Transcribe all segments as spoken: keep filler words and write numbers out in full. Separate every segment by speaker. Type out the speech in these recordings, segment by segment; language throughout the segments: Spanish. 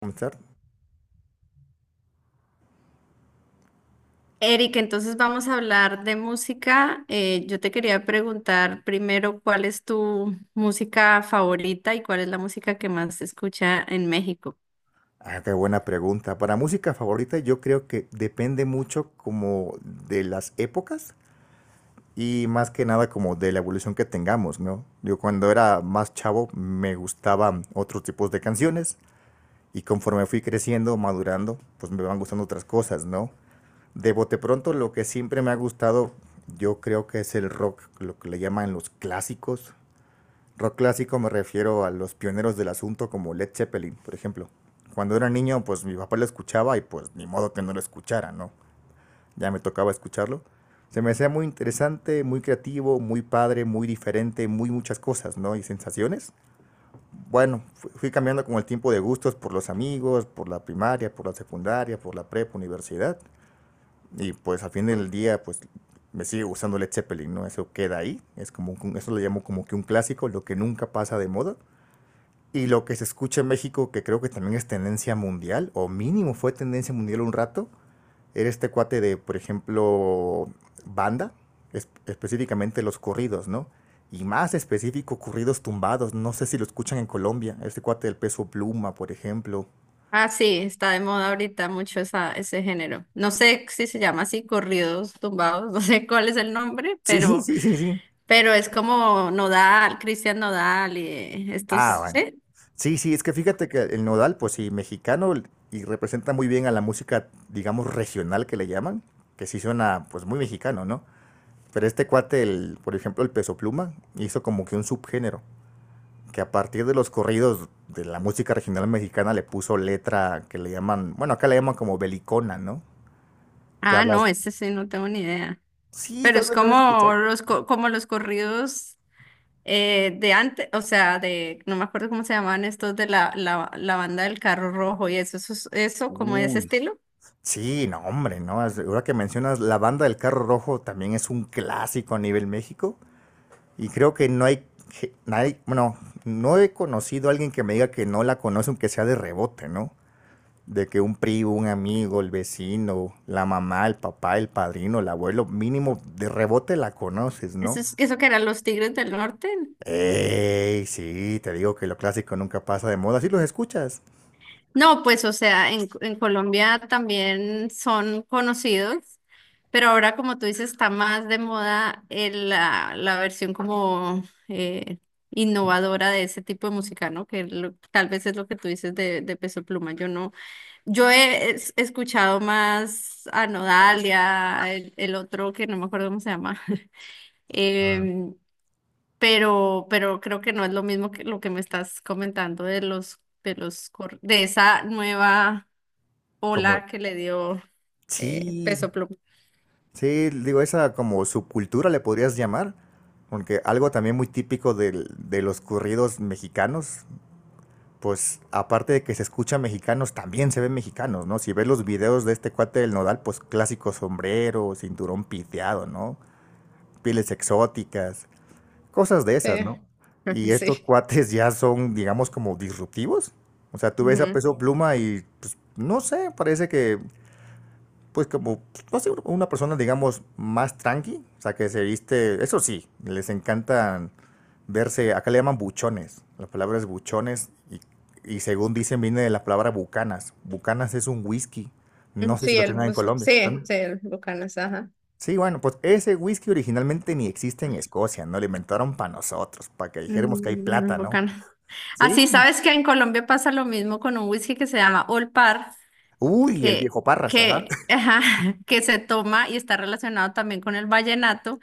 Speaker 1: ¿Comenzar?
Speaker 2: Eric, entonces vamos a hablar de música. Eh, yo te quería preguntar primero cuál es tu música favorita y cuál es la música que más se escucha en México.
Speaker 1: Ah, qué buena pregunta. Para música favorita yo creo que depende mucho como de las épocas y más que nada como de la evolución que tengamos, ¿no? Yo cuando era más chavo me gustaban otros tipos de canciones y conforme fui creciendo, madurando, pues me van gustando otras cosas, ¿no? De bote pronto lo que siempre me ha gustado yo creo que es el rock, lo que le llaman los clásicos. Rock clásico me refiero a los pioneros del asunto como Led Zeppelin, por ejemplo. Cuando era niño, pues mi papá lo escuchaba y pues ni modo que no lo escuchara, ¿no? Ya me tocaba escucharlo. Se me hacía muy interesante, muy creativo, muy padre, muy diferente, muy muchas cosas, ¿no? Y sensaciones. Bueno, fui cambiando con el tiempo de gustos por los amigos, por la primaria, por la secundaria, por la prepa, universidad. Y pues al fin del día, pues me sigue gustando Led Zeppelin, ¿no? Eso queda ahí. Es como un- eso lo llamo como que un clásico, lo que nunca pasa de moda. Y lo que se escucha en México, que creo que también es tendencia mundial, o mínimo fue tendencia mundial un rato, era este cuate de, por ejemplo, banda, es- específicamente los corridos, ¿no? Y más específico, corridos tumbados. No sé si lo escuchan en Colombia, este cuate del Peso Pluma, por ejemplo.
Speaker 2: Ah, sí, está de moda ahorita mucho esa, ese género. No sé si se llama así, corridos tumbados, no sé cuál es el nombre,
Speaker 1: Sí,
Speaker 2: pero,
Speaker 1: sí, sí, sí.
Speaker 2: pero es como Nodal, Cristian Nodal y eh, estos,
Speaker 1: Ah, bueno.
Speaker 2: ¿sí?
Speaker 1: Sí, sí, es que fíjate que el Nodal, pues sí, mexicano y representa muy bien a la música, digamos, regional que le llaman, que sí suena pues muy mexicano, ¿no? Pero este cuate, el, por ejemplo, el Peso Pluma, hizo como que un subgénero, que a partir de los corridos de la música regional mexicana le puso letra que le llaman, bueno, acá le llaman como belicona, ¿no? Que
Speaker 2: Ah, no,
Speaker 1: hablas.
Speaker 2: ese sí, no tengo ni idea.
Speaker 1: Sí,
Speaker 2: Pero
Speaker 1: tal
Speaker 2: es
Speaker 1: vez lo has
Speaker 2: como
Speaker 1: escuchado.
Speaker 2: los, co- como los corridos. Eh, de antes, o sea, de, no me acuerdo cómo se llamaban estos de la, la, la banda del carro rojo y eso, eso, es- eso, como de ese
Speaker 1: Uy.
Speaker 2: estilo.
Speaker 1: Sí, no, hombre, ¿no? Es- Ahora que mencionas, la banda del carro rojo también es un clásico a nivel México. Y creo que no hay, ge- nadie, bueno, no he conocido a alguien que me diga que no la conoce, aunque sea de rebote, ¿no? De que un primo, un amigo, el vecino, la mamá, el papá, el padrino, el abuelo, mínimo de rebote la conoces, ¿no?
Speaker 2: Eso, es- eso que eran los Tigres del Norte.
Speaker 1: Ey, sí, te digo que lo clásico nunca pasa de moda, sí los escuchas.
Speaker 2: No, pues, o sea, en, en Colombia también son conocidos, pero ahora, como tú dices, está más de moda el- la, la versión como eh, innovadora de ese tipo de música, ¿no? Que lo- tal vez es lo que tú dices de, de Peso Pluma. Yo no. Yo he es- escuchado más a Nodalia, el, el otro que no me acuerdo cómo se llama,
Speaker 1: Mm.
Speaker 2: em, pero, pero creo que no es lo mismo que lo que me estás comentando de los, de los, cor- de esa nueva
Speaker 1: Como,
Speaker 2: ola que le dio eh,
Speaker 1: sí,
Speaker 2: Peso Pluma.
Speaker 1: sí, digo, esa como subcultura le podrías llamar, porque algo también muy típico del- de los corridos mexicanos, pues aparte de que se escucha mexicanos, también se ven mexicanos, ¿no? Si ves los videos de este cuate del Nodal, pues clásico sombrero, cinturón piteado, ¿no? Pieles exóticas, cosas de esas, ¿no?
Speaker 2: Sí,
Speaker 1: Y estos
Speaker 2: sí.
Speaker 1: cuates ya son, digamos, como disruptivos. O sea, tú ves a
Speaker 2: Ujú.
Speaker 1: Peso Pluma y, pues, no sé, parece que, pues, como, pues, no sé, una persona, digamos, más tranqui. O sea, que se viste, eso sí, les encantan verse, acá le llaman buchones. La palabra es buchones y, y según dicen, viene de la palabra Bucanas. Bucanas es un whisky. No sé si
Speaker 2: Sí,
Speaker 1: lo
Speaker 2: el
Speaker 1: tengan en
Speaker 2: bus-
Speaker 1: Colombia.
Speaker 2: sí, sí, el Bucanas, ajá.
Speaker 1: Sí, bueno, pues ese whisky originalmente ni existe en Escocia, ¿no? Lo inventaron para nosotros, para que dijéramos que hay
Speaker 2: Mm, muy
Speaker 1: plata, ¿no?
Speaker 2: bacano. Así
Speaker 1: Sí.
Speaker 2: sabes que en Colombia pasa lo mismo con un whisky que se llama Olpar,
Speaker 1: Uy, el
Speaker 2: que,
Speaker 1: viejo Parras, ajá.
Speaker 2: que, ajá, que se toma y está relacionado también con el vallenato,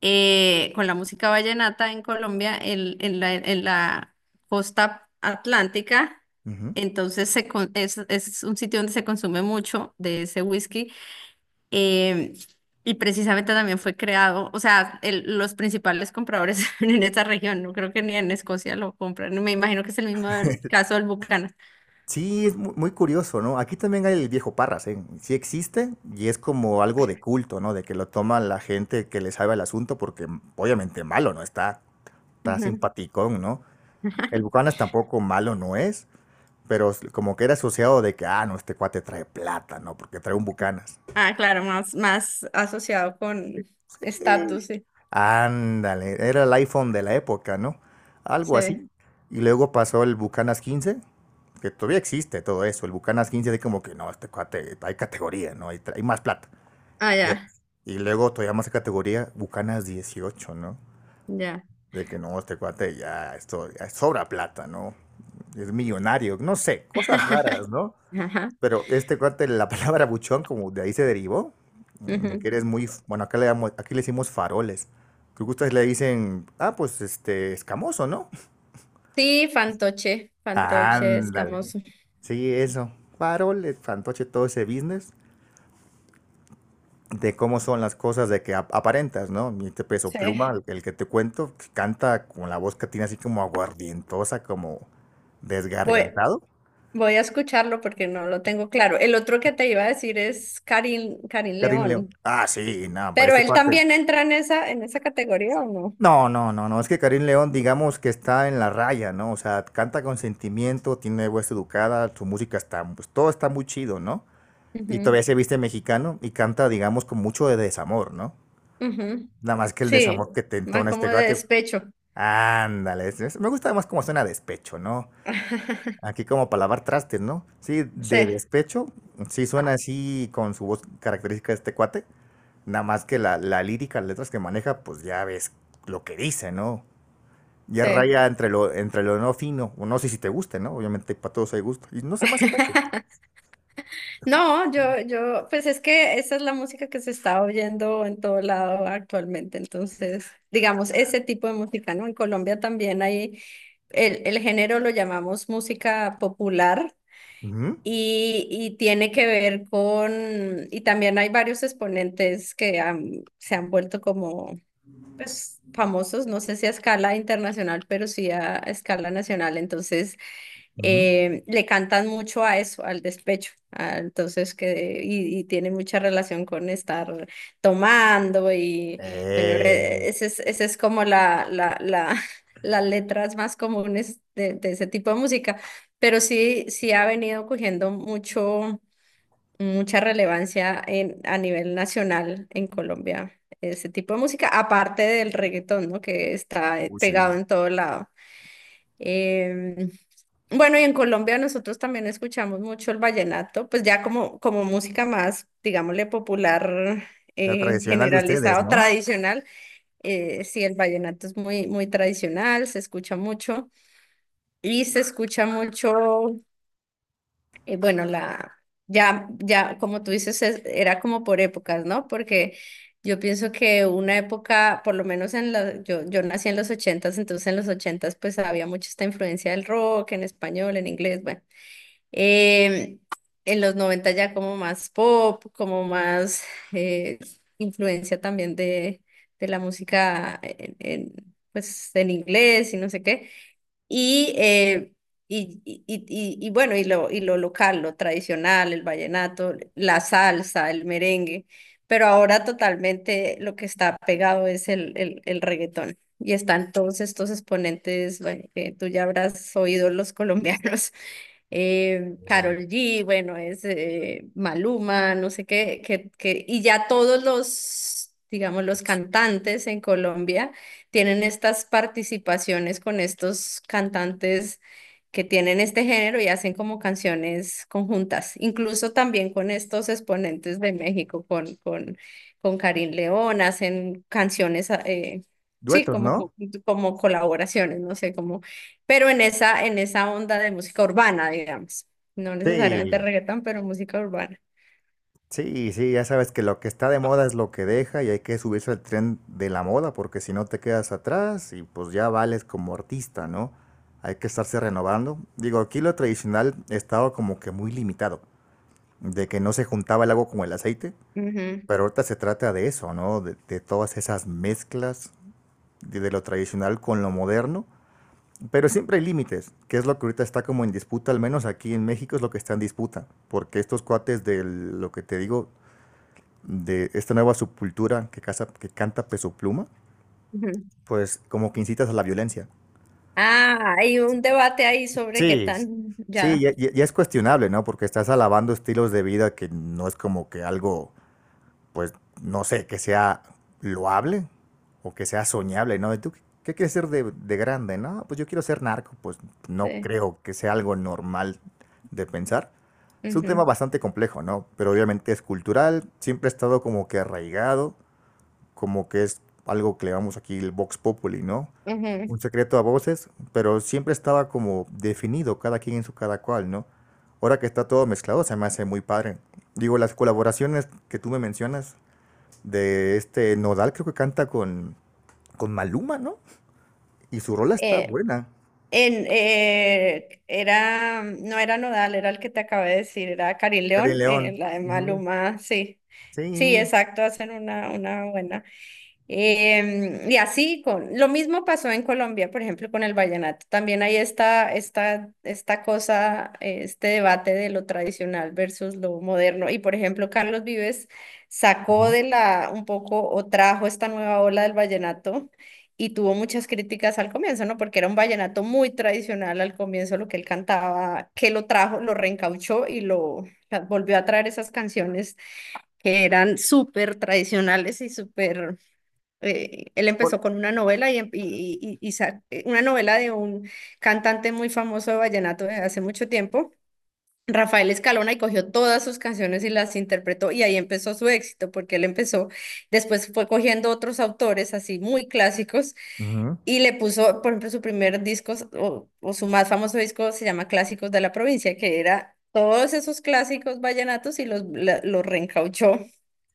Speaker 2: eh, con la música vallenata en Colombia, en, en la, en la costa atlántica.
Speaker 1: Ujú.
Speaker 2: Entonces se, con- es, es un sitio donde se consume mucho de ese whisky. em, y precisamente también fue creado, o sea, el- los principales compradores en esta región, no creo que ni en Escocia lo compran, me imagino que es el mismo del- caso del Buchanan.
Speaker 1: Sí, es mu- muy curioso, ¿no? Aquí también hay el viejo Parras, ¿eh? Sí existe y es como algo de culto, ¿no? De que lo toma la gente que le sabe el asunto porque mm, obviamente malo no está, está simpaticón, ¿no?
Speaker 2: Ujú.
Speaker 1: El Bucanas tampoco malo no es, pero s- como que era asociado de que, ah, no, este cuate trae plata, ¿no? Porque trae un Bucanas.
Speaker 2: Ah, claro, más, más asociado con
Speaker 1: Eh,
Speaker 2: estatus, sí.
Speaker 1: Ándale, era el iPhone de la época, ¿no? Algo
Speaker 2: Sí.
Speaker 1: así. Y luego pasó el Bucanas quince, que todavía existe todo eso. El Bucanas quince de como que no, este cuate, hay categoría, ¿no? Hay, tra- hay más plata.
Speaker 2: Ah,
Speaker 1: Ya.
Speaker 2: ya,
Speaker 1: Y luego todavía más categoría, Bucanas dieciocho, ¿no?
Speaker 2: ya.
Speaker 1: De que no, este cuate ya, esto ya sobra plata, ¿no? Es millonario, no sé, cosas raras, ¿no?
Speaker 2: Ajá.
Speaker 1: Pero este cuate, la palabra buchón, como de ahí se derivó, mm, de que
Speaker 2: Ujú.
Speaker 1: eres muy, f- bueno, acá le, damos, aquí le decimos faroles. Que ustedes le dicen, ah, pues este, escamoso, ¿no?
Speaker 2: Sí, fantoche, fantoche,
Speaker 1: Ándale.
Speaker 2: escamoso.
Speaker 1: Sí, eso. Farol, eh, fantoche, todo ese business de cómo son las cosas, de que ap- aparentas, ¿no? Mi este Peso
Speaker 2: Sí.
Speaker 1: Pluma, el, el que te cuento, que canta con la voz que tiene así como aguardientosa, como
Speaker 2: Voy,
Speaker 1: desgargantado.
Speaker 2: voy a escucharlo porque no lo tengo claro. El otro que te iba a decir es Karim, Karim
Speaker 1: Karim León.
Speaker 2: León.
Speaker 1: Ah, sí, nada, para
Speaker 2: Pero
Speaker 1: este
Speaker 2: él
Speaker 1: cuate.
Speaker 2: también entra en esa, en esa categoría, ¿o no?
Speaker 1: No, no, no, no, es que Karim León, digamos que está en la raya, ¿no? O sea, canta con sentimiento, tiene voz educada, su música está, pues todo está muy chido, ¿no? Y
Speaker 2: Ujú,
Speaker 1: todavía se viste mexicano y canta, digamos, con mucho de desamor, ¿no?
Speaker 2: ujú.
Speaker 1: Nada más que el
Speaker 2: Sí,
Speaker 1: desamor que te
Speaker 2: más
Speaker 1: entona este
Speaker 2: como de
Speaker 1: gato.
Speaker 2: despecho.
Speaker 1: Ándale, es- es- me gusta más como suena despecho, ¿no? Aquí como para lavar trastes, ¿no? Sí,
Speaker 2: Sí,
Speaker 1: de despecho, sí suena así con su voz característica de este cuate. Nada más que la, la lírica, las letras que maneja, pues ya ves lo que dice, ¿no? Ya
Speaker 2: sí.
Speaker 1: raya entre lo, entre lo no fino. O no sé si te guste, ¿no? Obviamente para todos hay gusto. Y no se me hace caso.
Speaker 2: No, yo, yo, pues es que esa es la música que se está oyendo en todo lado actualmente. Entonces, digamos, ese tipo de música, ¿no? En Colombia también hay, el, el género lo llamamos música popular
Speaker 1: Ujú,
Speaker 2: y, y tiene que ver con, y también hay varios exponentes que han- se han vuelto como, pues, famosos, no sé si a escala internacional, pero sí a, a escala nacional. Entonces,
Speaker 1: ujú.
Speaker 2: eh, le cantan mucho a eso, al despecho, a- entonces que, y, y tiene mucha relación con estar tomando y bueno, eh,
Speaker 1: Eh,
Speaker 2: ese es, ese es como la, la, la, las letras más comunes de, de ese tipo de música, pero sí, sí ha venido cogiendo mucho, mucha relevancia en, a nivel nacional en Colombia. Ese tipo de música, aparte del reggaetón, ¿no? Que está eh,
Speaker 1: uy,
Speaker 2: pegado
Speaker 1: sí.
Speaker 2: en todo lado. Em, bueno, y en Colombia nosotros también escuchamos mucho el vallenato, pues ya como, como música más, digámosle, popular,
Speaker 1: La
Speaker 2: eh,
Speaker 1: tradicional de ustedes,
Speaker 2: generalizado,
Speaker 1: ¿no?
Speaker 2: tradicional. Eh, sí, el vallenato es muy, muy tradicional, se escucha mucho y se escucha mucho eh, bueno, la, ya, ya, como tú dices, es- era como por épocas, ¿no? Porque yo pienso que una época, por lo menos en la, yo, yo nací en los ochentas, entonces en los ochentas pues había mucha esta influencia del rock en español, en inglés, bueno. Em, en los noventa ya como más pop, como más eh, influencia también de, de la música en, en, pues en inglés y no sé qué. Y, eh, y, y, y- y- bueno, y lo, y lo local, lo tradicional, el vallenato, la salsa, el merengue, pero ahora totalmente lo que está pegado es el, el, el reggaetón. Y están todos estos exponentes, bueno, que tú ya habrás oído los colombianos eh,
Speaker 1: Eh,
Speaker 2: Karol G, bueno, es eh, Maluma, no sé qué, qué, qué, y ya todos los, digamos, los cantantes en Colombia tienen estas participaciones con estos cantantes que tienen este género y hacen como canciones conjuntas, incluso también con estos exponentes de México, con, con, con Karin León, hacen canciones, eh, sí,
Speaker 1: duetos,
Speaker 2: como, co-
Speaker 1: ¿no?
Speaker 2: como colaboraciones, no sé, cómo, pero en esa, en esa onda de música urbana, digamos. No necesariamente
Speaker 1: Sí.
Speaker 2: reggaetón, pero música urbana.
Speaker 1: Sí, sí, ya sabes que lo que está de moda es lo que deja y hay que subirse al tren de la moda porque si no te quedas atrás y pues ya vales como artista, ¿no? Hay que estarse renovando. Digo, aquí lo tradicional estaba como que muy limitado, de que no se juntaba el agua con el aceite.
Speaker 2: Ujú,
Speaker 1: Pero ahorita se trata de eso, ¿no? De, de todas esas mezclas de, de, lo tradicional con lo moderno. Pero siempre hay límites, que es lo que ahorita está como en disputa, al menos aquí en México es lo que está en disputa. Porque estos cuates de lo que te digo, de esta nueva subcultura que, casa, que canta Peso Pluma,
Speaker 2: ujú.
Speaker 1: pues como que incitas a la violencia.
Speaker 2: Ah, hay un debate ahí sobre qué
Speaker 1: Sí.
Speaker 2: tan,
Speaker 1: Sí,
Speaker 2: ya,
Speaker 1: ya, ya, ya es cuestionable, ¿no? Porque estás alabando estilos de vida que no es como que algo, pues no sé, que sea loable o que sea soñable, ¿no? ¿Y tú qué, quieres ser de, de grande? No, pues yo quiero ser narco, pues no
Speaker 2: sí,
Speaker 1: creo que sea algo normal de pensar. Es un tema
Speaker 2: ujú,
Speaker 1: bastante complejo, ¿no? Pero obviamente es cultural, siempre ha estado como que arraigado, como que es algo que le llamamos aquí el Vox Populi, ¿no?
Speaker 2: ujú.
Speaker 1: Un secreto a voces, pero siempre estaba como definido cada quien en su cada cual, ¿no? Ahora que está todo mezclado, se me hace muy padre. Digo, las colaboraciones que tú me mencionas, de este Nodal, creo que canta con, con Maluma, ¿no? Y su rola está
Speaker 2: Eh,
Speaker 1: buena.
Speaker 2: En, eh, era, no era Nodal, era el que te acabé de decir, era Karin
Speaker 1: Karin
Speaker 2: León, eh,
Speaker 1: León.
Speaker 2: la de
Speaker 1: Ujú,
Speaker 2: Maluma, sí. Sí,
Speaker 1: sí.
Speaker 2: exacto, hacen una, una buena. Em, y así, con, lo mismo pasó en Colombia, por ejemplo, con el vallenato. También hay esta, esta, esta cosa, eh, este debate de lo tradicional versus lo moderno. Y por ejemplo, Carlos Vives sacó
Speaker 1: Ujú.
Speaker 2: de la, un poco, o trajo esta nueva ola del vallenato y tuvo muchas críticas al comienzo, ¿no? Porque era un vallenato muy tradicional al comienzo, lo que él cantaba, que lo trajo, lo reencauchó y lo volvió a traer esas canciones que eran súper tradicionales y súper... eh, Él
Speaker 1: Pol-
Speaker 2: empezó con una novela y, em- y- y- y sa- eh, una novela de un cantante muy famoso de vallenato de hace mucho tiempo. Rafael Escalona, y cogió todas sus canciones y las interpretó y ahí empezó su éxito porque él empezó, después fue cogiendo otros autores así muy clásicos
Speaker 1: ujú.
Speaker 2: y le puso, por ejemplo, su primer disco o, o su más famoso disco se llama Clásicos de la Provincia, que era todos esos clásicos vallenatos y los, la- los reencauchó.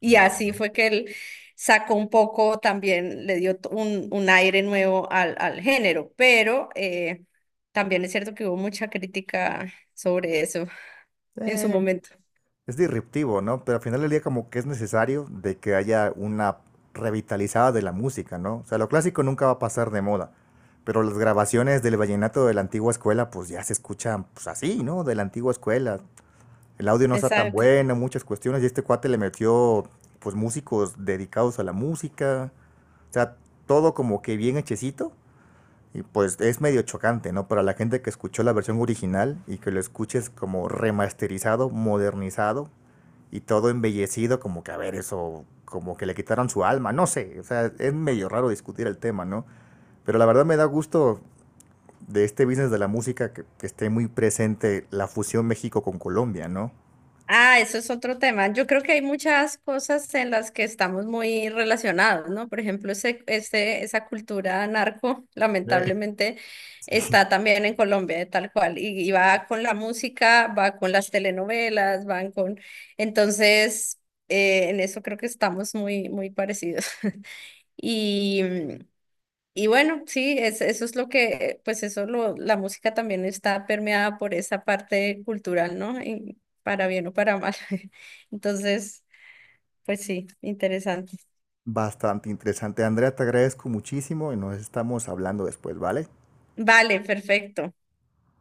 Speaker 2: Y
Speaker 1: Va.
Speaker 2: así fue que él sacó un poco, también le dio t- un, un aire nuevo al, al género, pero eh, también es cierto que hubo mucha crítica sobre eso en su
Speaker 1: Eh,
Speaker 2: momento.
Speaker 1: es disruptivo, ¿no? Pero al final del día como que es necesario de que haya una revitalizada de la música, ¿no? O sea, lo clásico nunca va a pasar de moda, pero las grabaciones del vallenato de la antigua escuela pues ya se escuchan pues así, ¿no? De la antigua escuela. El audio no está tan
Speaker 2: Exacto.
Speaker 1: bueno, muchas cuestiones, y este cuate le metió pues músicos dedicados a la música. O sea, todo como que bien hechecito. Y pues es medio chocante, ¿no? Para la gente que escuchó la versión original y que lo escuches como remasterizado, modernizado y todo embellecido, como que a ver, eso, como que le quitaron su alma, no sé. O sea, es medio raro discutir el tema, ¿no? Pero la verdad me da gusto de este business de la música que, que esté muy presente la fusión México con Colombia, ¿no?
Speaker 2: Ah, eso es otro tema. Yo creo que hay muchas cosas en las que estamos muy relacionados, ¿no? Por ejemplo, ese, ese- esa cultura narco,
Speaker 1: Sí.
Speaker 2: lamentablemente, está también en Colombia, eh, tal cual, y, y va con la música, va con las telenovelas, van con... Entonces, eh, en eso creo que estamos muy, muy parecidos. Y, mm, y bueno, sí, es- eso es lo que, pues eso lo, la música también está permeada por esa parte cultural, ¿no? Y para bien o para mal. Entonces, pues sí, interesante.
Speaker 1: Bastante interesante. Andrea, te agradezco muchísimo y nos estamos hablando después, ¿vale?
Speaker 2: Vale, perfecto.